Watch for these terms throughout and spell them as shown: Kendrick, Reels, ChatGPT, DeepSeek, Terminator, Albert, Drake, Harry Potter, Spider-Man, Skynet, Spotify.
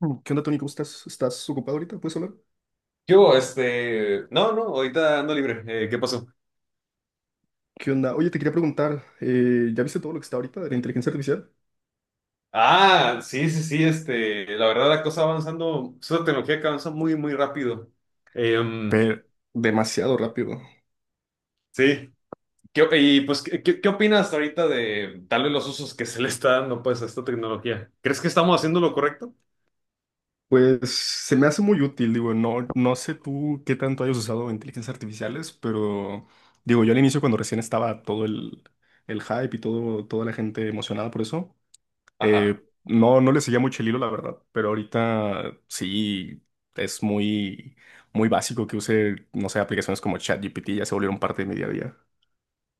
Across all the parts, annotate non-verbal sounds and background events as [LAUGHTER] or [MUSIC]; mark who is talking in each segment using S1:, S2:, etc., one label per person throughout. S1: Mm. ¿Qué onda, Tony? ¿Cómo estás? ¿Estás ocupado ahorita? ¿Puedes hablar?
S2: Yo Este, no, no, ahorita ando libre. ¿Qué pasó?
S1: ¿Qué onda? Oye, te quería preguntar, ¿ya viste todo lo que está ahorita de la inteligencia artificial?
S2: Ah, sí, sí, sí, este, la verdad la cosa avanzando, es una tecnología que avanza muy, muy rápido. Em,
S1: Pero demasiado rápido.
S2: sí, ¿Qué, qué opinas ahorita de tal vez los usos que se le está dando pues a esta tecnología? ¿Crees que estamos haciendo lo correcto?
S1: Pues se me hace muy útil, digo, no sé tú qué tanto hayas usado inteligencias artificiales, pero digo, yo al inicio cuando recién estaba todo el hype y todo, toda la gente emocionada por eso,
S2: Ajá.
S1: no le seguía mucho el hilo, la verdad, pero ahorita sí es muy, muy básico que use, no sé, aplicaciones como ChatGPT, ya se volvieron parte de mi día a día.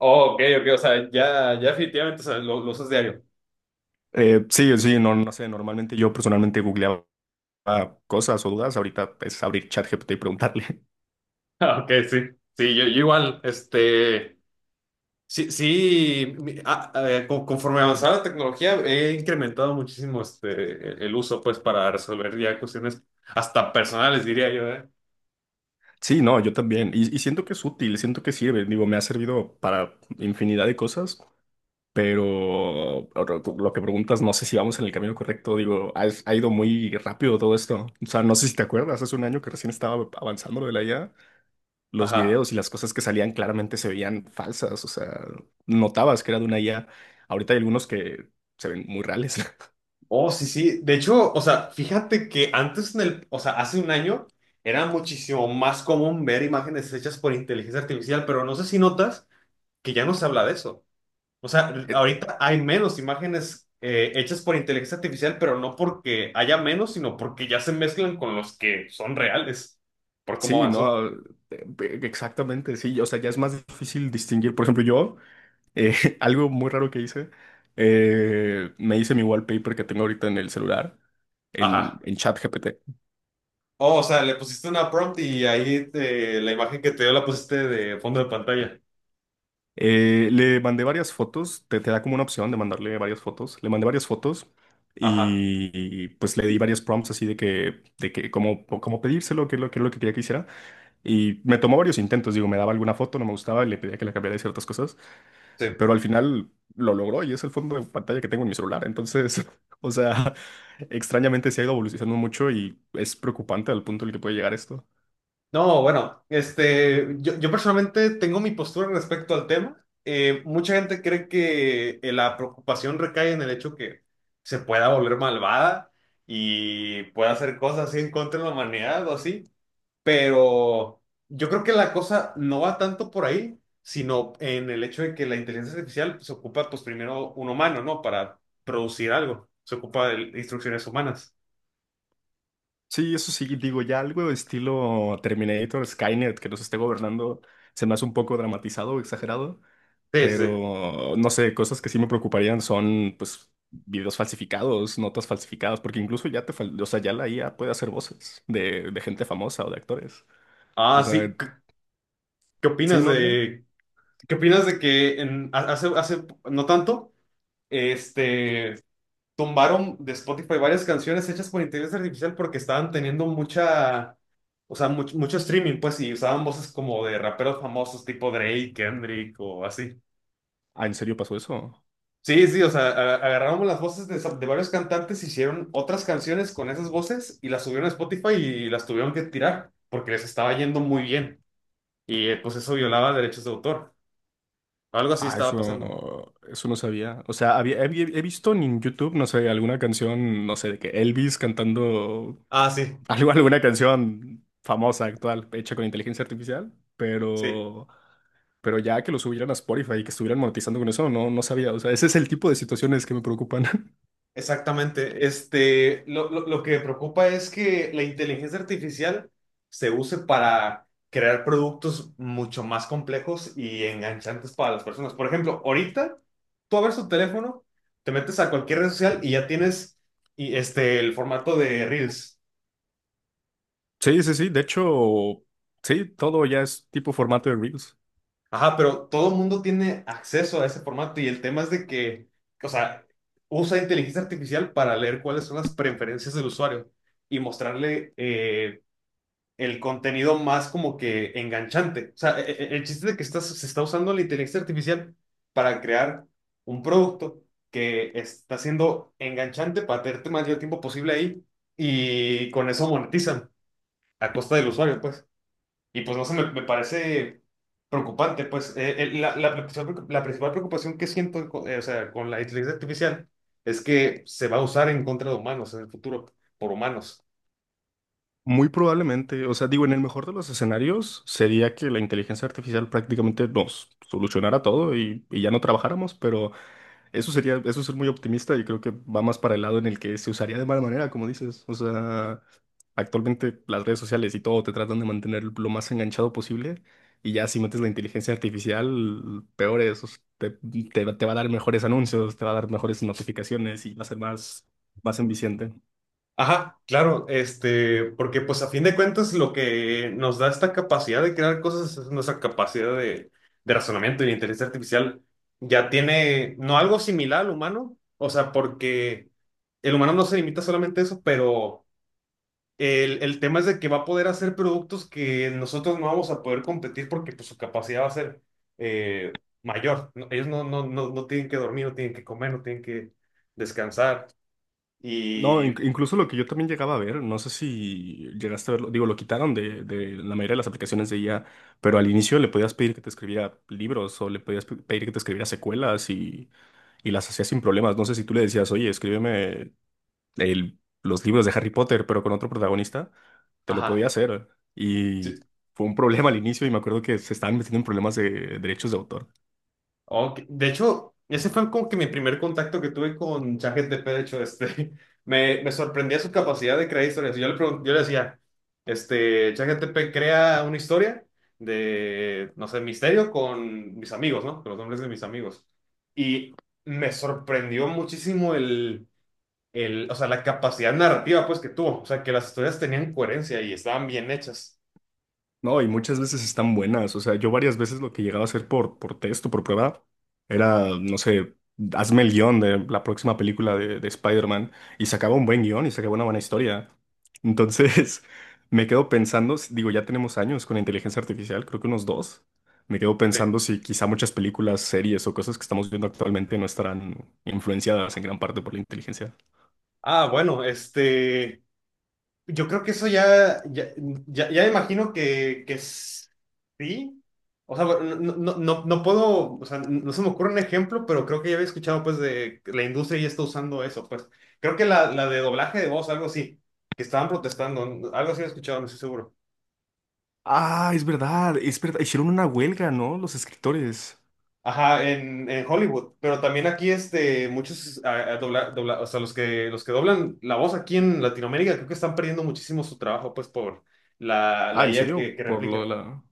S2: Oh, ok, ok, o sea, ya, ya definitivamente, o sea, lo usas diario. [LAUGHS]
S1: Sí, sí, no, no sé, normalmente yo personalmente googleaba cosas o dudas, ahorita es abrir ChatGPT y preguntarle. [LAUGHS]
S2: Ah, ok, sí, sí, yo igual, este... Sí, sí, conforme avanzaba la tecnología he incrementado muchísimo este, el uso pues para resolver ya cuestiones hasta personales diría yo, ¿eh?
S1: Sí, no, yo también, y siento que es útil, siento que sirve, digo, me ha servido para infinidad de cosas, pero ahora tú- lo que preguntas, no sé si vamos en el camino correcto, digo, ha ido muy rápido todo esto, o sea, no sé si te acuerdas, hace un año que recién estaba avanzando lo de la IA, los
S2: Ajá.
S1: videos y las cosas que salían claramente se veían falsas, o sea, notabas que era de una IA, ahorita hay algunos que se ven muy reales.
S2: Oh, sí, sí. De hecho, o sea, fíjate que antes en el, o sea, hace un año era muchísimo más común ver imágenes hechas por inteligencia artificial, pero no sé si notas que ya no se habla de eso. O sea,
S1: [LAUGHS]
S2: ahorita hay menos imágenes hechas por inteligencia artificial, pero no porque haya menos, sino porque ya se mezclan con los que son reales, por cómo
S1: Sí,
S2: avanzó.
S1: no, exactamente, sí, o sea, ya es más difícil distinguir. Por ejemplo, yo, eh, [LAUGHS] algo muy raro que hice, me hice mi wallpaper que tengo ahorita en el celular, en,
S2: Ajá.
S1: en ChatGPT.
S2: Oh, o sea, le pusiste una prompt y ahí la imagen que te dio la pusiste de fondo de pantalla.
S1: Le mandé varias fotos, te da como una opción de mandarle varias fotos. Le mandé varias fotos
S2: Ajá.
S1: y, pues le di varios prompts así de que, como, como pedírselo, que es lo, que es lo que quería que hiciera. Y me tomó varios intentos, digo, me daba alguna foto, no me gustaba y le pedía que la cambiara de ciertas cosas.
S2: Sí.
S1: Pero al final lo logró y es el fondo de pantalla que tengo en mi celular. Entonces, [LAUGHS] o sea, extrañamente se ha ido evolucionando mucho y es preocupante al punto en el que puede llegar esto.
S2: No, bueno, este, yo personalmente tengo mi postura respecto al tema. Mucha gente cree que la preocupación recae en el hecho que se pueda volver malvada y pueda hacer cosas así en contra de la humanidad o así, pero yo creo que la cosa no va tanto por ahí, sino en el hecho de que la inteligencia artificial se ocupa, pues primero un humano, ¿no? Para producir algo, se ocupa de instrucciones humanas.
S1: Sí, eso sí, digo, ya algo de estilo Terminator, Skynet, que nos esté gobernando, se me hace un poco dramatizado o exagerado,
S2: Sí, sí.
S1: pero no sé, cosas que sí me preocuparían son, pues, videos falsificados, notas falsificadas, porque incluso ya te, fal- o sea, ya la IA puede hacer voces de gente famosa o de actores. O
S2: Ah, sí.
S1: sea,
S2: ¿Qué
S1: sí,
S2: opinas
S1: no, dime.
S2: de... ¿Qué opinas de que hace, hace no tanto, este, tumbaron de Spotify varias canciones hechas por inteligencia artificial porque estaban teniendo mucha, o sea, mucho streaming, pues, y usaban voces como de raperos famosos tipo Drake, Kendrick o así.
S1: Ah, ¿en serio pasó eso?
S2: Sí, sí, o sea, agarraron las voces de varios cantantes, hicieron otras canciones con esas voces y las subieron a Spotify y las tuvieron que tirar porque les estaba yendo muy bien. Y pues eso violaba derechos de autor. Algo así
S1: Ah,
S2: estaba pasando.
S1: eso no sabía. O sea, había, he, he visto en YouTube, no sé, alguna canción, no sé, de que Elvis cantando
S2: Ah, sí.
S1: [LAUGHS] algo, alguna canción famosa, actual, hecha con inteligencia artificial,
S2: Sí.
S1: pero ya que lo subieran a Spotify y que estuvieran monetizando con eso, no, no sabía. O sea, ese es el tipo de situaciones que me preocupan. [LAUGHS]
S2: Exactamente. Este, lo que me preocupa es que la inteligencia artificial se use para crear productos mucho más complejos y enganchantes para las personas. Por ejemplo, ahorita tú abres tu teléfono, te metes a cualquier red social y ya tienes y este, el formato de Reels.
S1: Sí, sí, sí. De hecho, sí, todo ya es tipo formato de Reels.
S2: Ajá, pero todo el mundo tiene acceso a ese formato y el tema es de que, o sea, usa inteligencia artificial para leer cuáles son las preferencias del usuario y mostrarle el contenido más como que enganchante. O sea, el chiste de que estás, se está usando la inteligencia artificial para crear un producto que está siendo enganchante para tenerte más tiempo posible ahí y con eso monetizan a costa del usuario, pues. Y pues no sé, me parece preocupante, pues. La principal preocupación que siento, o sea, con la inteligencia artificial es que se va a usar en contra de humanos en el futuro, por humanos.
S1: Muy probablemente, o sea, digo, en el mejor de los escenarios sería que la inteligencia artificial prácticamente nos solucionara todo y ya no trabajáramos, pero eso sería, eso es ser muy optimista y creo que va más para el lado en el que se usaría de mala manera, como dices. O sea, actualmente las redes sociales y todo te tratan de mantener lo más enganchado posible y ya si metes la inteligencia artificial, peor es, o sea, te va a dar mejores anuncios, te va a dar mejores notificaciones y va a ser más, más enviciante.
S2: Ajá, claro, este, porque pues a fin de cuentas lo que nos da esta capacidad de crear cosas es nuestra capacidad de razonamiento y la inteligencia artificial ya tiene, no algo similar al humano, o sea, porque el humano no se limita solamente a eso, pero el tema es de que va a poder hacer productos que nosotros no vamos a poder competir porque pues su capacidad va a ser eh, mayor. No, ellos no, no, no, no tienen que dormir, no tienen que comer, no tienen que descansar
S1: No, inc-
S2: y,
S1: incluso lo que yo también llegaba a ver, no sé si llegaste a verlo, digo, lo quitaron de la mayoría de las aplicaciones de IA, pero al inicio le podías pedir que te escribiera libros o le podías pe- pedir que te escribiera secuelas y las hacías sin problemas. No sé si tú le decías, oye, escríbeme el- los libros de Harry Potter, pero con otro protagonista, te lo podía
S2: ajá.
S1: hacer.
S2: Sí,
S1: Y fue un problema al inicio y me acuerdo que se estaban metiendo en problemas de derechos de autor.
S2: ok, de hecho, ese fue como que mi primer contacto que tuve con ChatGPT, de hecho, este, [LAUGHS] me sorprendía su capacidad de crear historias. Yo le decía, este, ChatGPT crea una historia de, no sé, misterio con mis amigos, ¿no? Con los nombres de mis amigos. Y me sorprendió muchísimo el, o sea, la capacidad narrativa, pues, que tuvo. O sea, que las historias tenían coherencia y estaban bien hechas.
S1: No, y muchas veces están buenas. O sea, yo varias veces lo que llegaba a hacer por texto por prueba era, no sé, hazme el guión de la próxima película de Spider-Man. Y sacaba un buen guión y sacaba una buena historia. Entonces, [LAUGHS] me quedo pensando, s- digo, ya tenemos años con inteligencia artificial, creo que unos dos. Me quedo
S2: Sí.
S1: pensando si quizá muchas películas, series o cosas que estamos viendo actualmente no estarán influenciadas en gran parte por la inteligencia.
S2: Ah, bueno, este... Yo creo que eso ya imagino que, sí. O sea, bueno, no puedo, o sea, no se me ocurre un ejemplo, pero creo que ya había escuchado pues de que la industria ya está usando eso, pues. Creo que la de doblaje de voz, algo así, que estaban protestando, algo así he escuchado, no estoy seguro.
S1: Ah, es verdad, es verdad. Hicieron una huelga, ¿no? Los escritores.
S2: Ajá, en Hollywood, pero también aquí este, muchos, o sea, los que doblan la voz aquí en Latinoamérica, creo que están perdiendo muchísimo su trabajo pues por
S1: Ah,
S2: la
S1: ¿en
S2: IA
S1: serio?
S2: que
S1: Por lo de
S2: replica.
S1: la...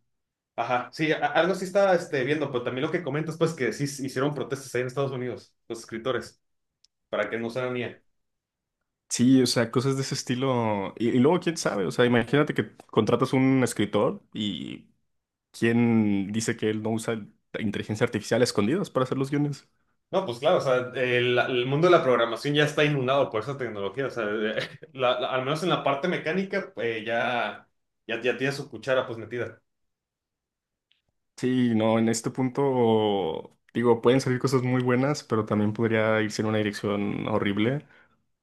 S2: Ajá, sí, algo sí estaba este, viendo, pero también lo que comentas, pues que sí hicieron protestas ahí en Estados Unidos, los escritores, para que no usaran IA.
S1: Sí, o sea, cosas de ese estilo. Y luego, quién sabe, o sea, imagínate que contratas un escritor y quién dice que él no usa inteligencia artificial a escondidas para hacer los guiones.
S2: No, pues claro, o sea, el mundo de la programación ya está inundado por esa tecnología, o sea, [LAUGHS] al menos en la parte mecánica, ya tiene su cuchara pues metida.
S1: Sí, no, en este punto, digo, pueden salir cosas muy buenas, pero también podría irse en una dirección horrible.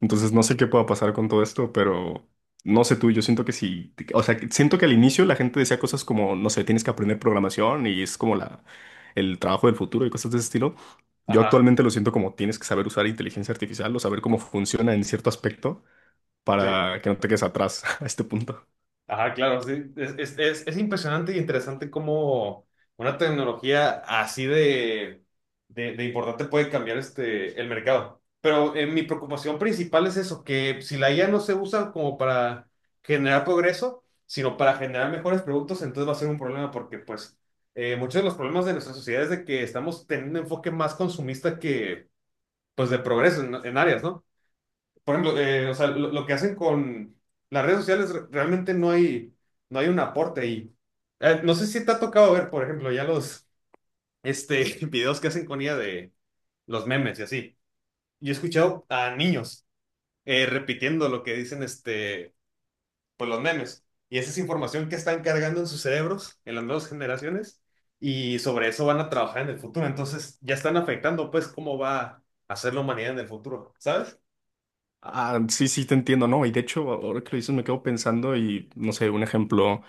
S1: Entonces no sé qué pueda pasar con todo esto, pero no sé tú, yo siento que sí, o sea, que siento que al inicio la gente decía cosas como, no sé, tienes que aprender programación y es como la, el trabajo del futuro y cosas de ese estilo. Yo
S2: Ajá,
S1: actualmente lo siento como tienes que saber usar inteligencia artificial o saber cómo funciona en cierto aspecto
S2: sí.
S1: para que no te quedes atrás [LAUGHS] a este punto.
S2: Ajá, claro, sí. Es impresionante y interesante cómo una tecnología así de importante puede cambiar este, el mercado. Pero mi preocupación principal es eso, que si la IA no se usa como para generar progreso, sino para generar mejores productos, entonces va a ser un problema porque pues muchos de los problemas de nuestra sociedad es de que estamos teniendo un enfoque más consumista que pues de progreso en áreas, ¿no? Por ejemplo, o sea, lo que hacen con las redes sociales realmente no hay, no hay un aporte ahí. No sé si te ha tocado ver, por ejemplo, ya los este, [LAUGHS] videos que hacen con ella de los memes y así. Yo he escuchado a niños repitiendo lo que dicen este, pues los memes. Y esa es información que están cargando en sus cerebros, en las nuevas generaciones, y sobre eso van a trabajar en el futuro. Entonces ya están afectando, pues, cómo va a ser la humanidad en el futuro, ¿sabes?
S1: Ah, sí, sí, te entiendo, ¿no? Y de hecho, ahora que lo dices, me quedo pensando y, no sé, un ejemplo,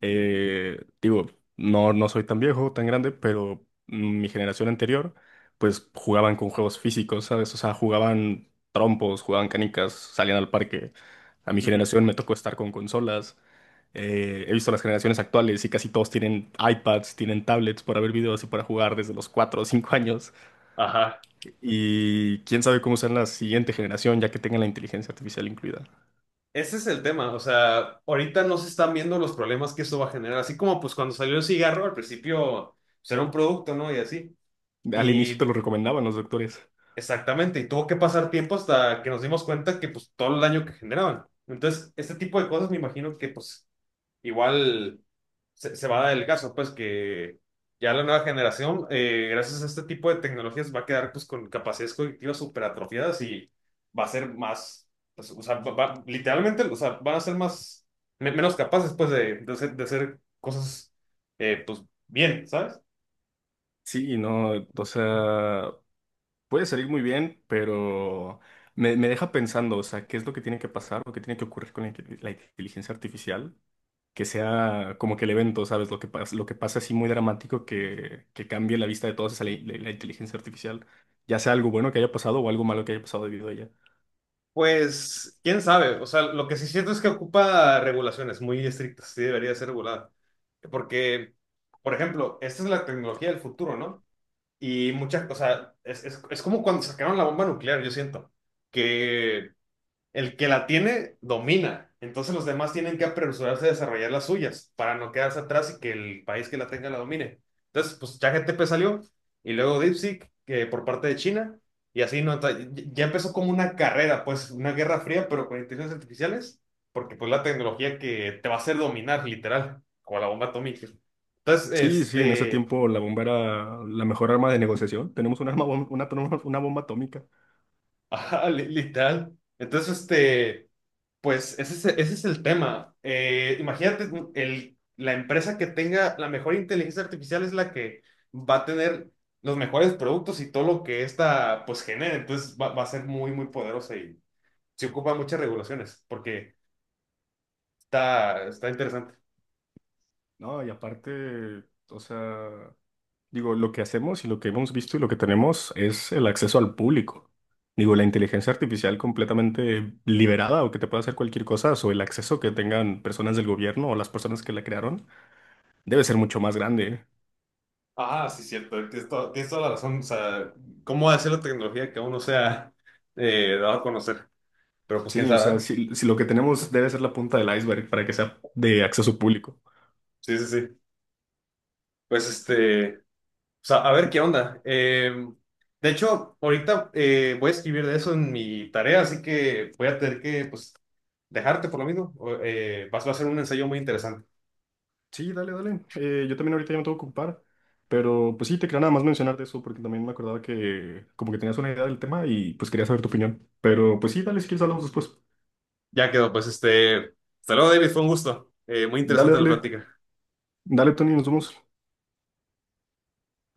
S1: digo, no, no soy tan viejo, tan grande, pero mi generación anterior, pues jugaban con juegos físicos, ¿sabes? O sea, jugaban trompos, jugaban canicas, salían al parque. A mi
S2: Ujú.
S1: generación me tocó estar con consolas. He visto las generaciones actuales y casi todos tienen iPads, tienen tablets para ver videos y para jugar desde los 4 o 5 años.
S2: Ajá.
S1: Y quién sabe cómo será la siguiente generación, ya que tengan la inteligencia artificial incluida.
S2: Ese es el tema, o sea, ahorita no se están viendo los problemas que eso va a generar, así como pues cuando salió el cigarro, al principio pues, era un producto, ¿no? Y así.
S1: Al inicio te
S2: Y
S1: lo recomendaban los doctores.
S2: exactamente, y tuvo que pasar tiempo hasta que nos dimos cuenta que pues todo el daño que generaban. Entonces, este tipo de cosas me imagino que pues igual se, se va a dar el caso, pues que ya la nueva generación, gracias a este tipo de tecnologías, va a quedar pues con capacidades cognitivas súper atrofiadas y va a ser más, pues, o sea, literalmente, o sea, van a ser más, menos capaces pues de hacer cosas, pues bien, ¿sabes?
S1: Sí, no, o sea, puede salir muy bien, pero me deja pensando, o sea, qué es lo que tiene que pasar, lo que tiene que ocurrir con la, inte- la inteligencia artificial, que sea como que el evento, ¿sabes? Lo que pasa así muy dramático que cambie la vista de todos es la, la- la inteligencia artificial, ya sea algo bueno que haya pasado o algo malo que haya pasado debido a ella.
S2: Pues, quién sabe, o sea, lo que sí siento es que ocupa regulaciones muy estrictas, sí debería ser regulada, porque, por ejemplo, esta es la tecnología del futuro, ¿no? Y muchas, o sea, es como cuando sacaron la bomba nuclear, yo siento, que el que la tiene domina, entonces los demás tienen que apresurarse a desarrollar las suyas para no quedarse atrás y que el país que la tenga la domine. Entonces, pues ChatGPT salió y luego DeepSeek, que por parte de China, y así no, ya empezó como una carrera, pues una guerra fría, pero con inteligencias artificiales, porque pues la tecnología que te va a hacer dominar, literal, como la bomba atómica. Entonces,
S1: Sí, sí, en ese
S2: este...
S1: tiempo la bomba era la mejor arma de negociación. Tenemos un arma, bom- una, tro- una bomba atómica.
S2: [LAUGHS] Ajá, literal. Entonces, este, pues ese es, ese es el tema. Imagínate, mm, la empresa que tenga la mejor inteligencia artificial es la que va a tener los mejores productos y todo lo que esta, pues, genere. Entonces, va a ser muy, muy poderosa y se ocupa muchas regulaciones porque está, está interesante.
S1: No, y aparte, o sea, digo, lo que hacemos y lo que hemos visto y lo que tenemos es el acceso al público. Digo, la inteligencia artificial completamente liberada o que te pueda hacer cualquier cosa, o el acceso que tengan personas del gobierno o las personas que la crearon, debe ser mucho más grande.
S2: Ah, sí, cierto. Tienes toda la razón. O sea, ¿cómo va a ser la tecnología que aún no se ha dado a conocer? Pero pues, quién
S1: Sí, o
S2: sabe,
S1: sea,
S2: ¿verdad?
S1: si, si lo que tenemos debe ser la punta del iceberg para que sea de acceso público.
S2: Sí, sí, sí. Pues, este... O sea, a ver qué onda. De hecho, ahorita voy a escribir de eso en mi tarea, así que voy a tener que pues, dejarte por lo mismo. O, vas va a ser un ensayo muy interesante.
S1: Sí, dale, dale. Yo también ahorita ya me tengo que ocupar, pero pues sí, te quería nada más mencionar de eso porque también me acordaba que como que tenías una idea del tema y pues quería saber tu opinión. Pero pues sí, dale, si quieres hablamos después.
S2: Ya quedó, pues este. Hasta luego, David, fue un gusto. Muy
S1: Dale,
S2: interesante la
S1: dale,
S2: plática.
S1: dale, Tony, nos vemos.